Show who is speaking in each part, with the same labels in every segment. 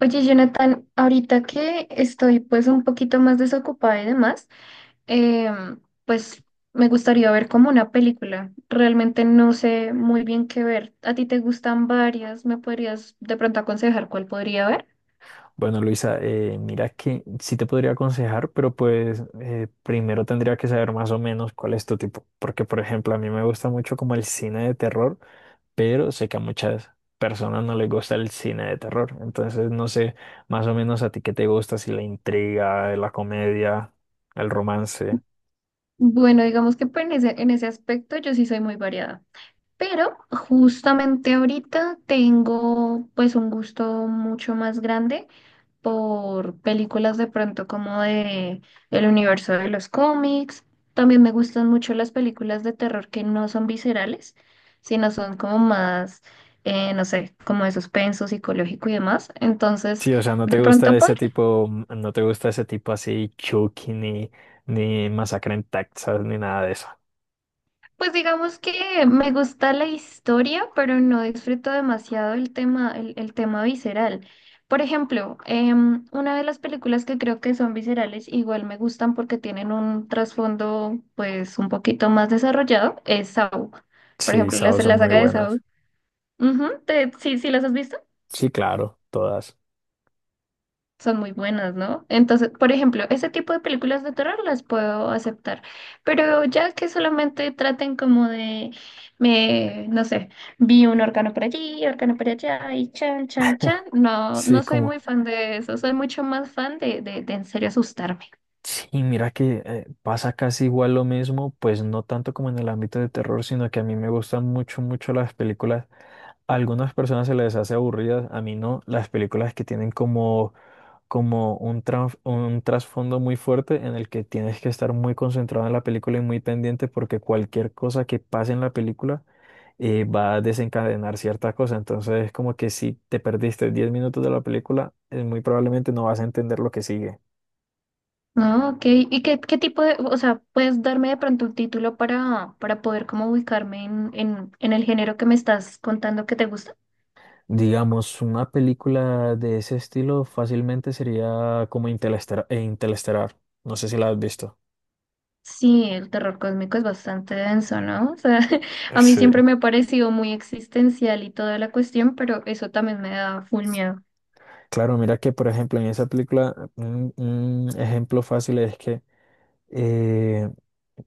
Speaker 1: Oye, Jonathan, ahorita que estoy pues un poquito más desocupada y demás, pues me gustaría ver como una película. Realmente no sé muy bien qué ver. ¿A ti te gustan varias? ¿Me podrías de pronto aconsejar cuál podría ver?
Speaker 2: Bueno, Luisa, mira que sí te podría aconsejar, pero pues primero tendría que saber más o menos cuál es tu tipo, porque por ejemplo a mí me gusta mucho como el cine de terror, pero sé que a muchas personas no les gusta el cine de terror, entonces no sé más o menos a ti qué te gusta, si la intriga, la comedia, el romance.
Speaker 1: Bueno, digamos que pues, en ese aspecto yo sí soy muy variada, pero justamente ahorita tengo pues un gusto mucho más grande por películas de pronto como de el universo de los cómics. También me gustan mucho las películas de terror que no son viscerales, sino son como más, no sé, como de suspenso psicológico y demás. Entonces,
Speaker 2: Sí, o sea, no
Speaker 1: de
Speaker 2: te
Speaker 1: pronto
Speaker 2: gusta ese
Speaker 1: podría.
Speaker 2: tipo, no te gusta ese tipo así Chucky ni Masacre en Texas ni nada de eso.
Speaker 1: Pues digamos que me gusta la historia, pero no disfruto demasiado el tema, el tema visceral. Por ejemplo, una de las películas que creo que son viscerales, igual me gustan porque tienen un trasfondo pues un poquito más desarrollado, es Saw. Por
Speaker 2: Sí,
Speaker 1: ejemplo,
Speaker 2: esas son
Speaker 1: la
Speaker 2: muy
Speaker 1: saga de Saw.
Speaker 2: buenas.
Speaker 1: Ujú, sí, sí, ¿las has visto?
Speaker 2: Sí, claro, todas.
Speaker 1: Son muy buenas, ¿no? Entonces, por ejemplo, ese tipo de películas de terror las puedo aceptar, pero ya que solamente traten como de, no sé, vi un órgano por allí, órgano por allá y chan, chan, chan, no,
Speaker 2: Sí,
Speaker 1: no soy
Speaker 2: como,
Speaker 1: muy fan de eso, soy mucho más fan de en serio asustarme.
Speaker 2: sí, mira que pasa casi igual lo mismo, pues no tanto como en el ámbito de terror, sino que a mí me gustan mucho las películas. A algunas personas se les hace aburridas, a mí no, las películas que tienen como, como un trasfondo muy fuerte en el que tienes que estar muy concentrado en la película y muy pendiente porque cualquier cosa que pase en la película va a desencadenar cierta cosa. Entonces, como que si te perdiste 10 minutos de la película, muy probablemente no vas a entender lo que sigue.
Speaker 1: No, ok. ¿ qué tipo de, o sea, puedes darme de pronto un título para poder como ubicarme en el género que me estás contando que te gusta?
Speaker 2: Digamos, una película de ese estilo fácilmente sería como Interestelar. Interestelar. No sé si la has visto.
Speaker 1: Sí, el terror cósmico es bastante denso, ¿no? O sea, a mí
Speaker 2: Sí.
Speaker 1: siempre me ha parecido muy existencial y toda la cuestión, pero eso también me da full miedo.
Speaker 2: Claro, mira que, por ejemplo, en esa película, un ejemplo fácil es que eh,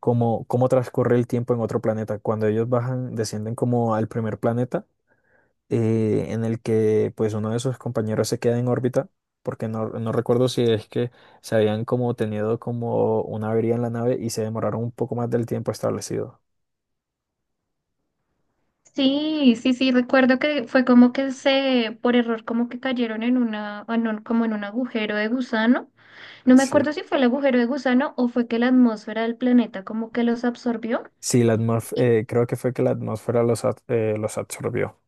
Speaker 2: como, cómo transcurre el tiempo en otro planeta. Cuando ellos bajan, descienden como al primer planeta, en el que pues uno de sus compañeros se queda en órbita, porque no recuerdo si es que se habían como tenido como una avería en la nave y se demoraron un poco más del tiempo establecido.
Speaker 1: Sí, sí, sí, recuerdo que fue como que se, por error, como que cayeron en una, como en un agujero de gusano. No me
Speaker 2: Sí,
Speaker 1: acuerdo si fue el agujero de gusano o fue que la atmósfera del planeta como que los absorbió.
Speaker 2: sí, la atmósfera, creo que fue que la atmósfera los absorbió.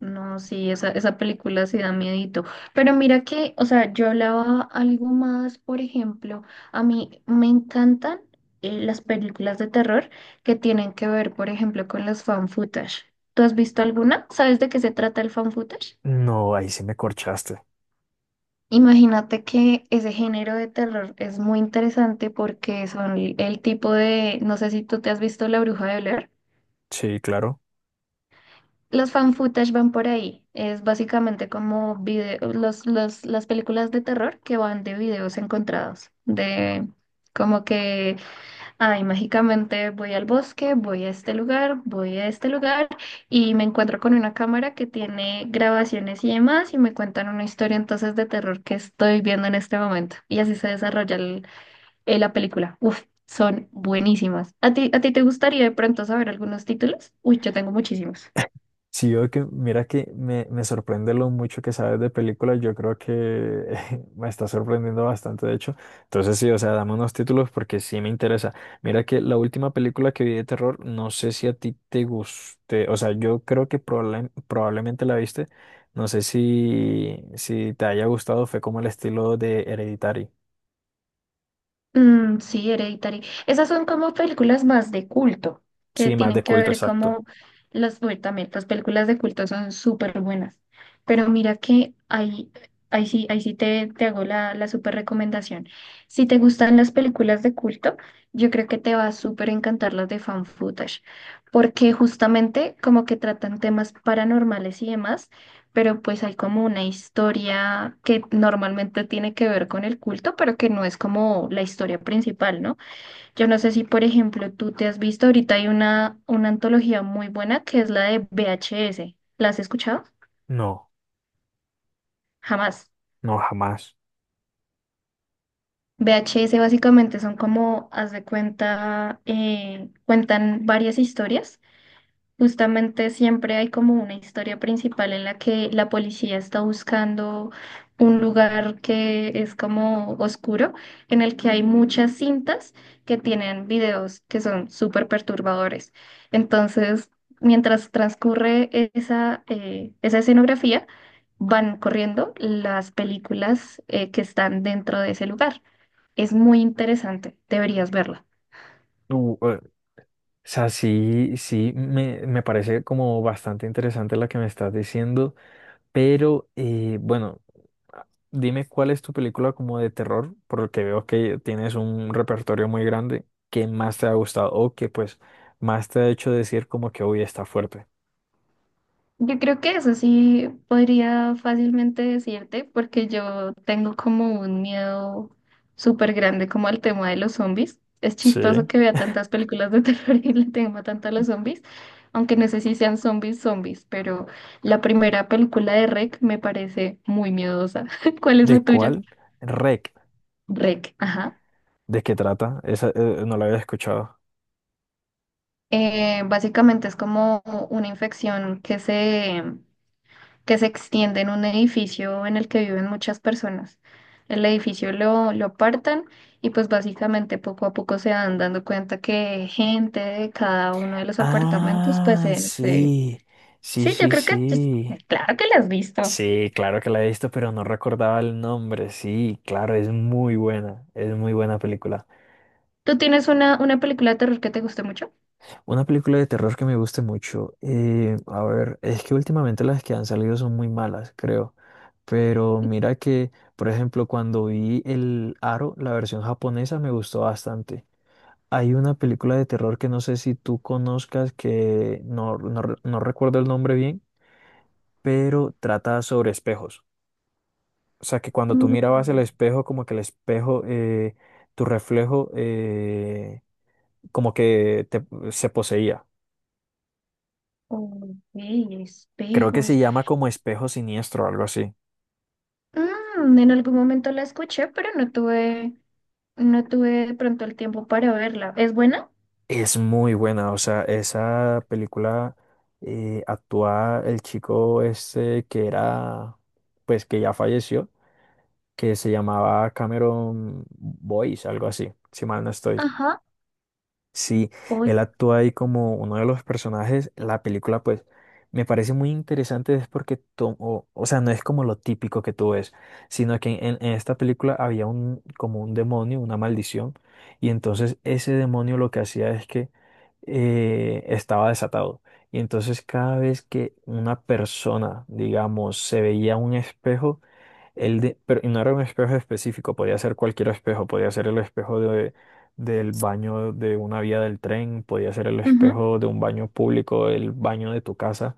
Speaker 1: No, sí, esa película sí da miedito. Pero mira que, o sea, yo hablaba algo más, por ejemplo, a mí me encantan las películas de terror que tienen que ver, por ejemplo, con los fan footage. ¿Tú has visto alguna? ¿Sabes de qué se trata el fan footage?
Speaker 2: No, ahí sí me corchaste.
Speaker 1: Imagínate que ese género de terror es muy interesante porque son el tipo de, no sé si tú te has visto La Bruja de Blair.
Speaker 2: Sí, claro.
Speaker 1: Los fan footage van por ahí. Es básicamente como las películas de terror que van de videos encontrados. De como que, ay, mágicamente voy al bosque, voy a este lugar, voy a este lugar y me encuentro con una cámara que tiene grabaciones y demás y me cuentan una historia entonces de terror que estoy viendo en este momento. Y así se desarrolla la película. Uf, son buenísimas. A ti te gustaría de pronto saber algunos títulos? Uy, yo tengo muchísimos.
Speaker 2: Sí, yo que, mira que me sorprende lo mucho que sabes de películas. Yo creo que me está sorprendiendo bastante, de hecho. Entonces, sí, o sea, dame unos títulos porque sí me interesa. Mira que la última película que vi de terror, no sé si a ti te guste. O sea, yo creo que probablemente la viste. No sé si te haya gustado, fue como el estilo de Hereditary.
Speaker 1: Mm, sí, Hereditary. Esas son como películas más de culto, que
Speaker 2: Sí, más
Speaker 1: tienen
Speaker 2: de
Speaker 1: que
Speaker 2: culto,
Speaker 1: ver
Speaker 2: exacto.
Speaker 1: como las. Bueno, también las películas de culto son súper buenas. Pero mira que ahí, ahí sí te hago la, la súper recomendación. Si te gustan las películas de culto, yo creo que te va a súper encantar las de fan footage, porque justamente como que tratan temas paranormales y demás, pero pues hay como una historia que normalmente tiene que ver con el culto, pero que no es como la historia principal, ¿no? Yo no sé si, por ejemplo, tú te has visto, ahorita hay una antología muy buena que es la de VHS. ¿La has escuchado?
Speaker 2: No,
Speaker 1: Jamás.
Speaker 2: no, jamás.
Speaker 1: VHS básicamente son como, haz de cuenta, cuentan varias historias. Justamente siempre hay como una historia principal en la que la policía está buscando un lugar que es como oscuro, en el que hay muchas cintas que tienen videos que son súper perturbadores. Entonces, mientras transcurre esa, esa escenografía, van corriendo las películas, que están dentro de ese lugar. Es muy interesante, deberías verla.
Speaker 2: O sea, sí, sí, me parece como bastante interesante la que me estás diciendo, pero bueno, dime cuál es tu película como de terror, por lo que veo que tienes un repertorio muy grande, que más te ha gustado o que pues más te ha hecho decir como que hoy está fuerte.
Speaker 1: Yo creo que eso sí podría fácilmente decirte, porque yo tengo como un miedo súper grande como al tema de los zombies. Es chistoso
Speaker 2: Sí.
Speaker 1: que vea tantas películas de terror y le tema tanto a los zombies, aunque no sé si sean zombies zombies, pero la primera película de REC me parece muy miedosa. ¿Cuál es la
Speaker 2: ¿De
Speaker 1: tuya?
Speaker 2: cuál? Rec.
Speaker 1: REC, ajá.
Speaker 2: ¿De qué trata? Esa no la había escuchado.
Speaker 1: Básicamente es como una infección que se extiende en un edificio en el que viven muchas personas. El edificio lo apartan y pues básicamente poco a poco se van dando cuenta que gente de cada uno de los apartamentos, pues
Speaker 2: Ah, sí, sí,
Speaker 1: sí, yo
Speaker 2: sí,
Speaker 1: creo que...
Speaker 2: sí.
Speaker 1: claro que la has visto.
Speaker 2: Sí, claro que la he visto, pero no recordaba el nombre. Sí, claro, es muy buena película.
Speaker 1: ¿Tú tienes una película de terror que te guste mucho?
Speaker 2: Una película de terror que me guste mucho. A ver, es que últimamente las que han salido son muy malas, creo. Pero mira que, por ejemplo, cuando vi El Aro, la versión japonesa, me gustó bastante. Hay una película de terror que no sé si tú conozcas, que no recuerdo el nombre bien pero trata sobre espejos. O sea, que cuando tú mirabas el
Speaker 1: Mm,
Speaker 2: espejo, como que el espejo, tu reflejo, como que te- se poseía.
Speaker 1: ok,
Speaker 2: Creo que se
Speaker 1: espejos.
Speaker 2: llama como espejo siniestro o algo así.
Speaker 1: Mm, en algún momento la escuché, pero no tuve, no tuve de pronto el tiempo para verla. ¿Es buena?
Speaker 2: Es muy buena, o sea, esa película actúa el chico ese que era, pues que ya falleció, que se llamaba Cameron Boyce, algo así, si mal no estoy.
Speaker 1: Ajá.
Speaker 2: Sí,
Speaker 1: Hoy.
Speaker 2: él actúa ahí como uno de los personajes. La película, pues, me parece muy interesante, es porque tomó, o sea, no es como lo típico que tú ves, sino que en esta película había como un demonio, una maldición, y entonces ese demonio lo que hacía es que estaba desatado. Y entonces cada vez que una persona, digamos, se veía un espejo, el de, pero y no era un espejo específico, podía ser cualquier espejo, podía ser el espejo del baño de una vía del tren, podía ser el espejo de un baño público, el baño de tu casa,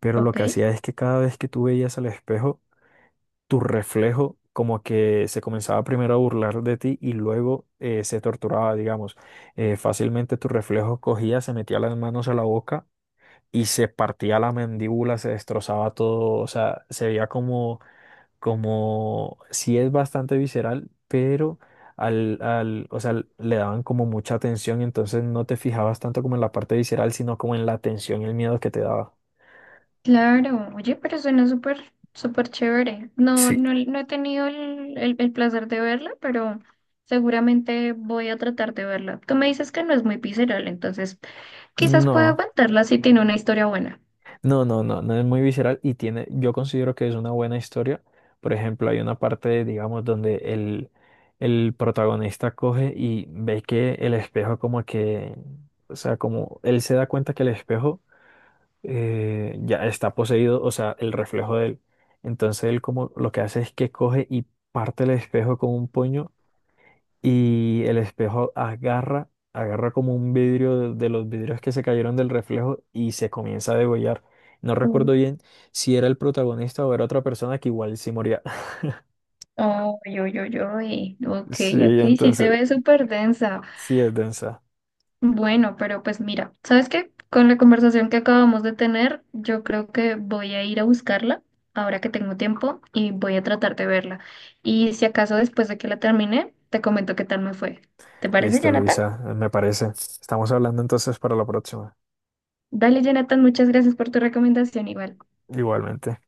Speaker 2: pero lo
Speaker 1: Ok.
Speaker 2: que hacía es que cada vez que tú veías al espejo, tu reflejo como que se comenzaba primero a burlar de ti y luego se torturaba, digamos. Fácilmente tu reflejo cogía, se metía las manos a la boca y se partía la mandíbula, se destrozaba todo, o sea, se veía como como sí es bastante visceral, pero o sea, le daban como mucha atención, entonces no te fijabas tanto como en la parte visceral, sino como en la tensión y el miedo que te daba.
Speaker 1: Claro, oye, pero suena súper, súper chévere. No,
Speaker 2: Sí.
Speaker 1: no, no he tenido el, el placer de verla, pero seguramente voy a tratar de verla. Tú me dices que no es muy visceral, entonces quizás pueda
Speaker 2: No,
Speaker 1: aguantarla si tiene una historia buena.
Speaker 2: no, no es muy visceral y tiene, yo considero que es una buena historia. Por ejemplo, hay una parte, digamos, donde el protagonista coge y ve que el espejo como que, o sea, como él se da cuenta que el espejo ya está poseído, o sea, el reflejo de él. Entonces él como lo que hace es que coge y parte el espejo con un puño y el espejo agarra como un vidrio de los vidrios que se cayeron del reflejo y se comienza a degollar. No
Speaker 1: Mm.
Speaker 2: recuerdo bien si era el protagonista o era otra persona que igual sí moría.
Speaker 1: Oh, yo, ok,
Speaker 2: Sí,
Speaker 1: ok, sí se
Speaker 2: entonces,
Speaker 1: ve súper densa.
Speaker 2: sí es densa.
Speaker 1: Bueno, pero pues mira, ¿sabes qué? Con la conversación que acabamos de tener, yo creo que voy a ir a buscarla ahora que tengo tiempo y voy a tratar de verla. Y si acaso después de que la termine, te comento qué tal me fue. ¿Te parece,
Speaker 2: Listo,
Speaker 1: Jonathan?
Speaker 2: Luisa, me parece. Estamos hablando entonces para la próxima.
Speaker 1: Dale, Jonathan, muchas gracias por tu recomendación igual.
Speaker 2: Igualmente.